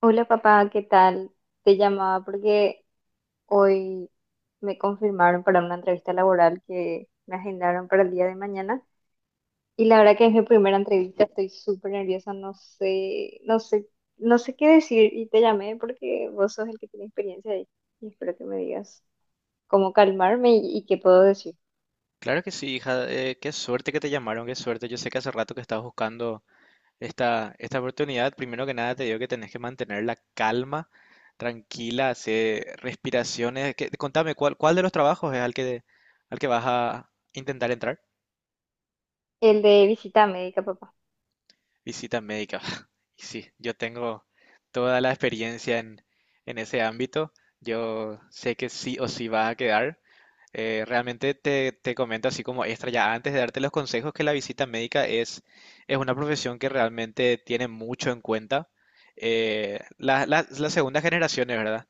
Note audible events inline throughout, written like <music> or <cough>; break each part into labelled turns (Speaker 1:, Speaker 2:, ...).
Speaker 1: Hola papá, ¿qué tal? Te llamaba porque hoy me confirmaron para una entrevista laboral que me agendaron para el día de mañana y la verdad que es mi primera entrevista, estoy súper nerviosa, no sé qué decir y te llamé porque vos sos el que tiene experiencia ahí y espero que me digas cómo calmarme y qué puedo decir.
Speaker 2: Claro que sí, hija. Qué suerte que te llamaron, qué suerte. Yo sé que hace rato que estabas buscando esta oportunidad. Primero que nada te digo que tenés que mantener la calma, tranquila, hacer respiraciones. Contame, ¿cuál de los trabajos es al que vas a intentar entrar?
Speaker 1: El de visita médica, papá.
Speaker 2: Visita médica. <laughs> Y sí, yo tengo toda la experiencia en ese ámbito. Yo sé que sí o sí va a quedar. Realmente te comento así como extra ya antes de darte los consejos que la visita médica es una profesión que realmente tiene mucho en cuenta. Las segundas generaciones, ¿verdad?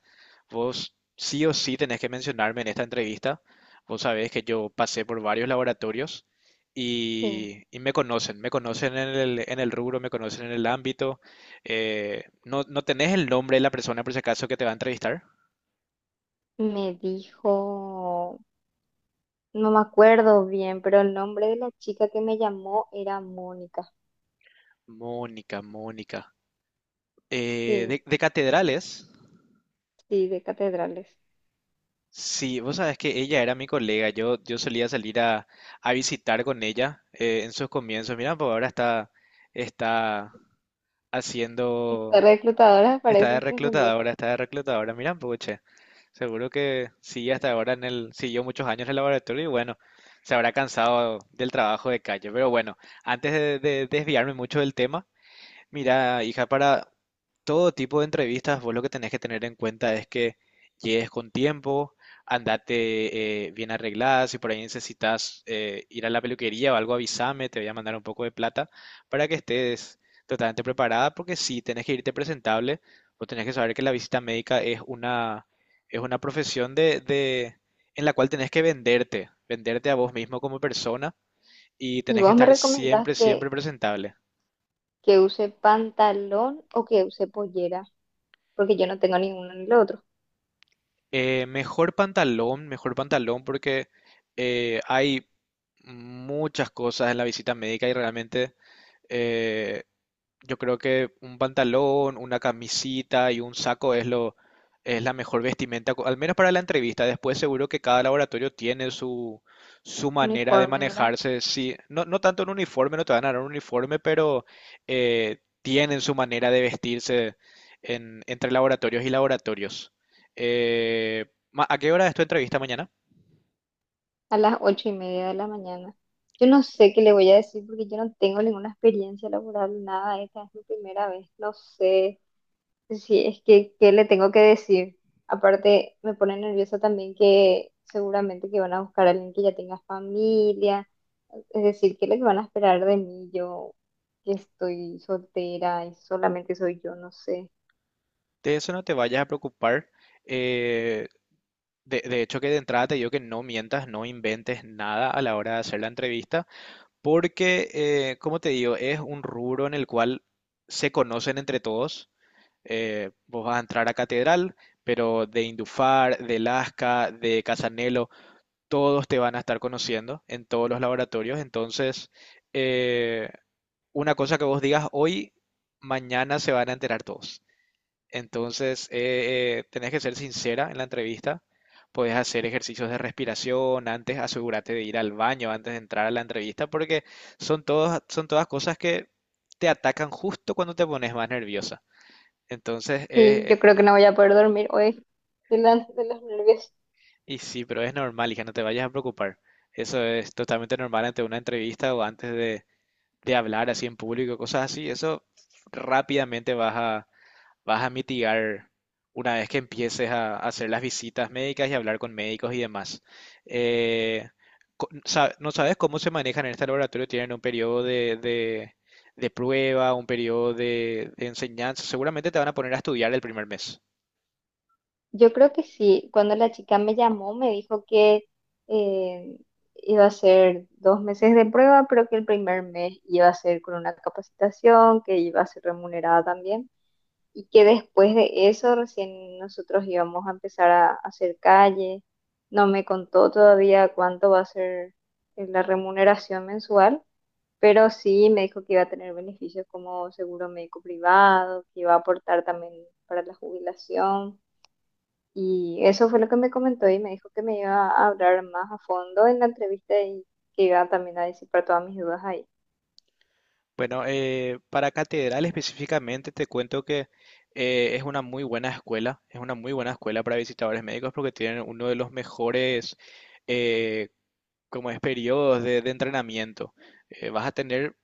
Speaker 2: Vos sí o sí tenés que mencionarme en esta entrevista. Vos sabés que yo pasé por varios laboratorios
Speaker 1: Sí,
Speaker 2: y me conocen en el rubro, me conocen en el ámbito. ¿No tenés el nombre de la persona por si acaso que te va a entrevistar?
Speaker 1: me dijo, no me acuerdo bien, pero el nombre de la chica que me llamó era Mónica.
Speaker 2: Mónica, Mónica. Eh,
Speaker 1: Sí,
Speaker 2: de, de catedrales,
Speaker 1: sí, de catedrales.
Speaker 2: sí, vos sabés que ella era mi colega, yo solía salir a visitar con ella en sus comienzos. Mira, pues ahora está
Speaker 1: Estas
Speaker 2: haciendo.
Speaker 1: reclutadoras
Speaker 2: Está de
Speaker 1: parecen que ascendía.
Speaker 2: reclutadora, está de reclutadora. Mira un poco, che. Seguro que sigue hasta ahora siguió muchos años en el laboratorio y bueno, se habrá cansado del trabajo de calle. Pero bueno, antes de desviarme mucho del tema, mira, hija, para todo tipo de entrevistas, vos lo que tenés que tener en cuenta es que llegues con tiempo, andate bien arreglada, si por ahí necesitas ir a la peluquería o algo, avísame, te voy a mandar un poco de plata para que estés totalmente preparada, porque si tenés que irte presentable, vos tenés que saber que la visita médica es una profesión en la cual tenés que venderte, venderte a vos mismo como persona y
Speaker 1: ¿Y
Speaker 2: tenés que
Speaker 1: vos me
Speaker 2: estar
Speaker 1: recomendás
Speaker 2: siempre, siempre
Speaker 1: que,
Speaker 2: presentable.
Speaker 1: que use pantalón o que use pollera? Porque yo no tengo ninguno ni lo otro.
Speaker 2: Mejor pantalón, mejor pantalón porque hay muchas cosas en la visita médica y realmente eh, yo creo que un pantalón, una camisita y un saco es la mejor vestimenta, al menos para la entrevista. Después seguro que cada laboratorio tiene su manera de
Speaker 1: Uniforme, ¿verdad?
Speaker 2: manejarse. Sí, no tanto un uniforme, no te van a dar un uniforme, pero tienen su manera de vestirse entre laboratorios y laboratorios. Eh, ¿A qué hora es tu entrevista mañana?
Speaker 1: A las 8:30 de la mañana. Yo no sé qué le voy a decir porque yo no tengo ninguna experiencia laboral, nada. Esta es mi primera vez. No sé. Sí, es que, ¿qué le tengo que decir? Aparte, me pone nerviosa también que seguramente que van a buscar a alguien que ya tenga familia. Es decir, ¿qué es lo que van a esperar de mí? Yo que estoy soltera y solamente soy yo, no sé.
Speaker 2: De eso no te vayas a preocupar. eh, de hecho, que de entrada te digo que no mientas, no inventes nada a la hora de hacer la entrevista, porque, como te digo, es un rubro en el cual se conocen entre todos. Vos vas a entrar a Catedral, pero de Indufar, de Lasca, de Casanelo, todos te van a estar conociendo en todos los laboratorios. Entonces, eh, una cosa que vos digas hoy, mañana se van a enterar todos. Entonces, tenés que ser sincera en la entrevista. Podés hacer ejercicios de respiración antes, asegúrate de ir al baño antes de entrar a la entrevista, porque son todos, son todas cosas que te atacan justo cuando te pones más nerviosa. Entonces,
Speaker 1: Sí, yo creo que no voy a poder dormir hoy de los nervios.
Speaker 2: y sí, pero es normal, hija, no te vayas a preocupar. Eso es totalmente normal ante una entrevista o antes de hablar así en público, cosas así. Eso rápidamente vas a mitigar una vez que empieces a hacer las visitas médicas y hablar con médicos y demás. Eh, ¿No sabes cómo se manejan en este laboratorio? ¿Tienen un periodo de prueba, un periodo de enseñanza? Seguramente te van a poner a estudiar el primer mes.
Speaker 1: Yo creo que sí. Cuando la chica me llamó, me dijo que eh, iba a ser 2 meses de prueba, pero que el primer mes iba a ser con una capacitación, que iba a ser remunerada también, y que después de eso recién nosotros íbamos a empezar a hacer calle. No me contó todavía cuánto va a ser la remuneración mensual, pero sí me dijo que iba a tener beneficios como seguro médico privado, que iba a aportar también para la jubilación y eso fue lo que me comentó y me dijo que me iba a hablar más a fondo en la entrevista y que iba también a disipar todas mis dudas ahí.
Speaker 2: Bueno, para Catedral específicamente te cuento que es una muy buena escuela, es una muy buena escuela para visitadores médicos porque tienen uno de los mejores eh, como es periodos de entrenamiento, vas a tener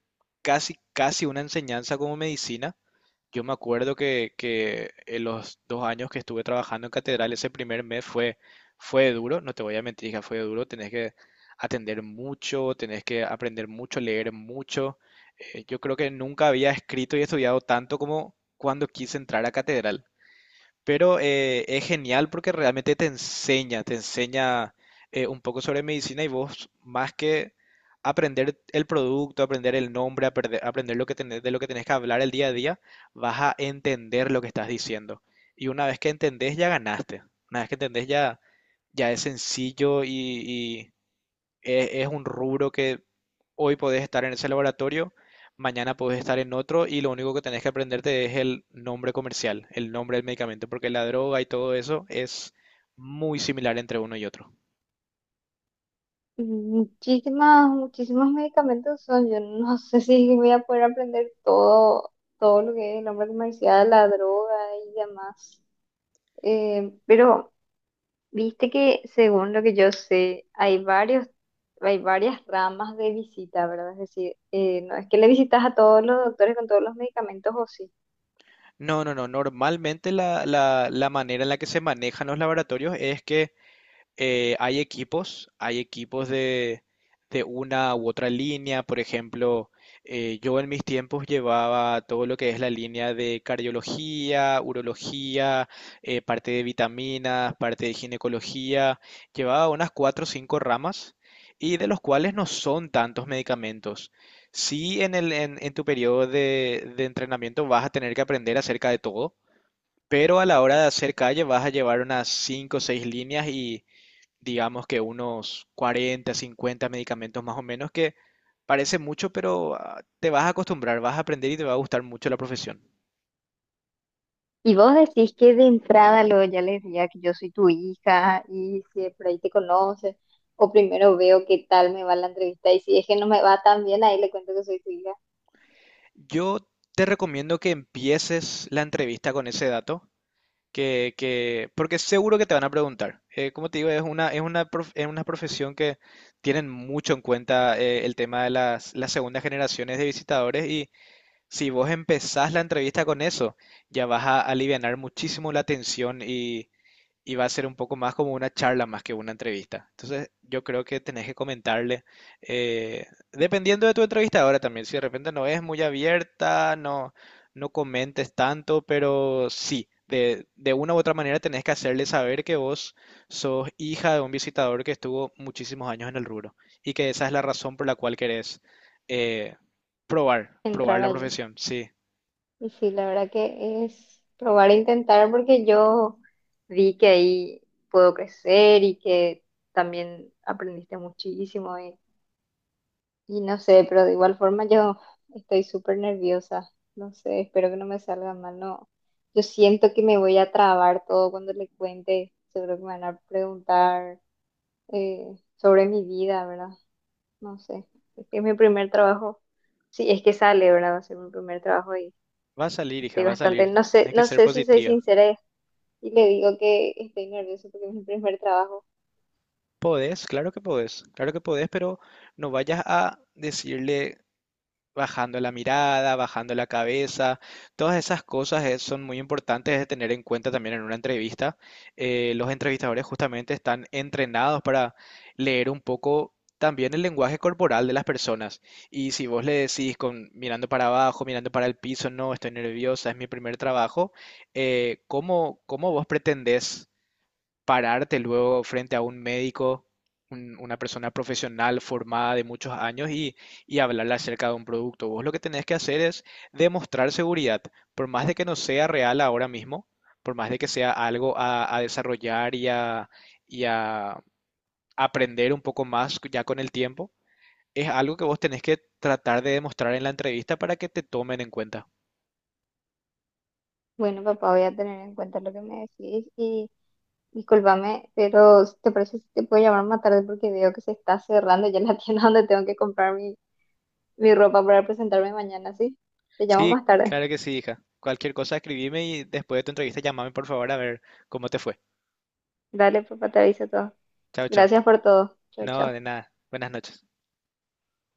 Speaker 2: casi, casi una enseñanza como medicina. Yo me acuerdo que en los 2 años que estuve trabajando en Catedral, ese primer mes fue duro, no te voy a mentir, hija, fue duro, tenés que atender mucho, tenés que aprender mucho, leer mucho. Yo creo que nunca había escrito y estudiado tanto como cuando quise entrar a Catedral. Pero es genial porque realmente te enseña un poco sobre medicina y vos más que aprender el producto, aprender el nombre, aprender, de lo que tenés que hablar el día a día, vas a entender lo que estás diciendo. Y una vez que entendés ya ganaste. Una vez que entendés ya, ya es sencillo y es un rubro que hoy podés estar en ese laboratorio, mañana podés estar en otro y lo único que tenés que aprenderte es el nombre comercial, el nombre del medicamento, porque la droga y todo eso es muy similar entre uno y otro.
Speaker 1: Muchísimos medicamentos son. Yo no <laughs> sé si voy a poder aprender todo lo que es el hombre comercial, la droga y demás. Pero viste que según lo que yo sé, hay varias ramas de visita, ¿verdad? Es decir, no es que le visitas a todos los doctores con todos los medicamentos o sí.
Speaker 2: No, no, no. Normalmente la manera en la que se manejan los laboratorios es que hay equipos de una u otra línea. Por ejemplo, yo en mis tiempos llevaba todo lo que es la línea de cardiología, urología, parte de vitaminas, parte de ginecología. Llevaba unas cuatro o cinco ramas y de los cuales no son tantos medicamentos. Sí, en tu periodo de entrenamiento vas a tener que aprender acerca de todo, pero a la hora de hacer calle vas a llevar unas cinco o seis líneas y digamos que unos 40 50 medicamentos más o menos, que parece mucho, pero ah, te vas a acostumbrar, vas a aprender y te va a gustar mucho la profesión.
Speaker 1: Y vos decís que de entrada luego ya le decía que yo soy tu hija y si de por ahí te conoces, o primero veo qué tal me va la entrevista y si es que no me va tan bien, ahí le cuento que soy tu hija,
Speaker 2: Yo te recomiendo que empieces la entrevista con ese dato, porque seguro que te van a preguntar. Como te digo, es una profesión que tienen mucho en cuenta el tema de las segundas generaciones de visitadores y si vos empezás la entrevista con eso, ya vas a alivianar muchísimo la tensión y va a ser un poco más como una charla más que una entrevista. Entonces, yo creo que tenés que comentarle, eh, dependiendo de tu entrevistadora también, si de repente no es muy abierta, no, no comentes tanto, pero sí, de una u otra manera tenés que hacerle saber que vos sos hija de un visitador que estuvo muchísimos años en el rubro y que esa es la razón por la cual querés eh, probar, probar
Speaker 1: entrar
Speaker 2: la
Speaker 1: allí.
Speaker 2: profesión. Sí,
Speaker 1: Y sí, la verdad que es probar e intentar porque yo vi que ahí puedo crecer y que también aprendiste muchísimo. Y no sé, pero de igual forma yo estoy súper nerviosa. No sé, espero que no me salga mal. No, yo siento que me voy a trabar todo cuando le cuente. Seguro que me van a preguntar sobre mi vida, ¿verdad? No sé. Es mi primer trabajo. Sí, es que sale, ¿verdad? Va a ser mi primer trabajo y
Speaker 2: va a salir, hija,
Speaker 1: estoy
Speaker 2: va a
Speaker 1: bastante.
Speaker 2: salir.
Speaker 1: No sé,
Speaker 2: Tenés
Speaker 1: no
Speaker 2: que ser
Speaker 1: sé si soy
Speaker 2: positiva.
Speaker 1: sincera y le digo que estoy nerviosa porque es mi primer trabajo.
Speaker 2: Podés, claro que podés, claro que podés, pero no vayas a decirle bajando la mirada, bajando la cabeza, todas esas cosas son muy importantes de tener en cuenta también en una entrevista. Los entrevistadores justamente están entrenados para leer un poco también el lenguaje corporal de las personas. Y si vos le decís con mirando para abajo, mirando para el piso, no, estoy nerviosa, es mi primer trabajo, ¿cómo vos pretendés pararte luego frente a un médico, una persona profesional formada de muchos años y hablarle acerca de un producto? Vos lo que tenés que hacer es demostrar seguridad, por más de que no sea real ahora mismo, por más de que sea algo a desarrollar y a aprender un poco más ya con el tiempo. Es algo que vos tenés que tratar de demostrar en la entrevista para que te tomen en cuenta.
Speaker 1: Bueno, papá, voy a tener en cuenta lo que me decís. Discúlpame, pero ¿te parece si te puedo llamar más tarde? Porque veo que se está cerrando ya la <laughs> tienda donde tengo que comprar mi ropa para presentarme mañana, ¿sí? Te llamo
Speaker 2: Sí,
Speaker 1: más tarde.
Speaker 2: claro que sí, hija. Cualquier cosa escribime y después de tu entrevista llamame por favor a ver cómo te fue.
Speaker 1: Dale, papá, te aviso todo.
Speaker 2: Chao, chao.
Speaker 1: Gracias por todo. Chao,
Speaker 2: No,
Speaker 1: chao.
Speaker 2: de nada. Buenas noches.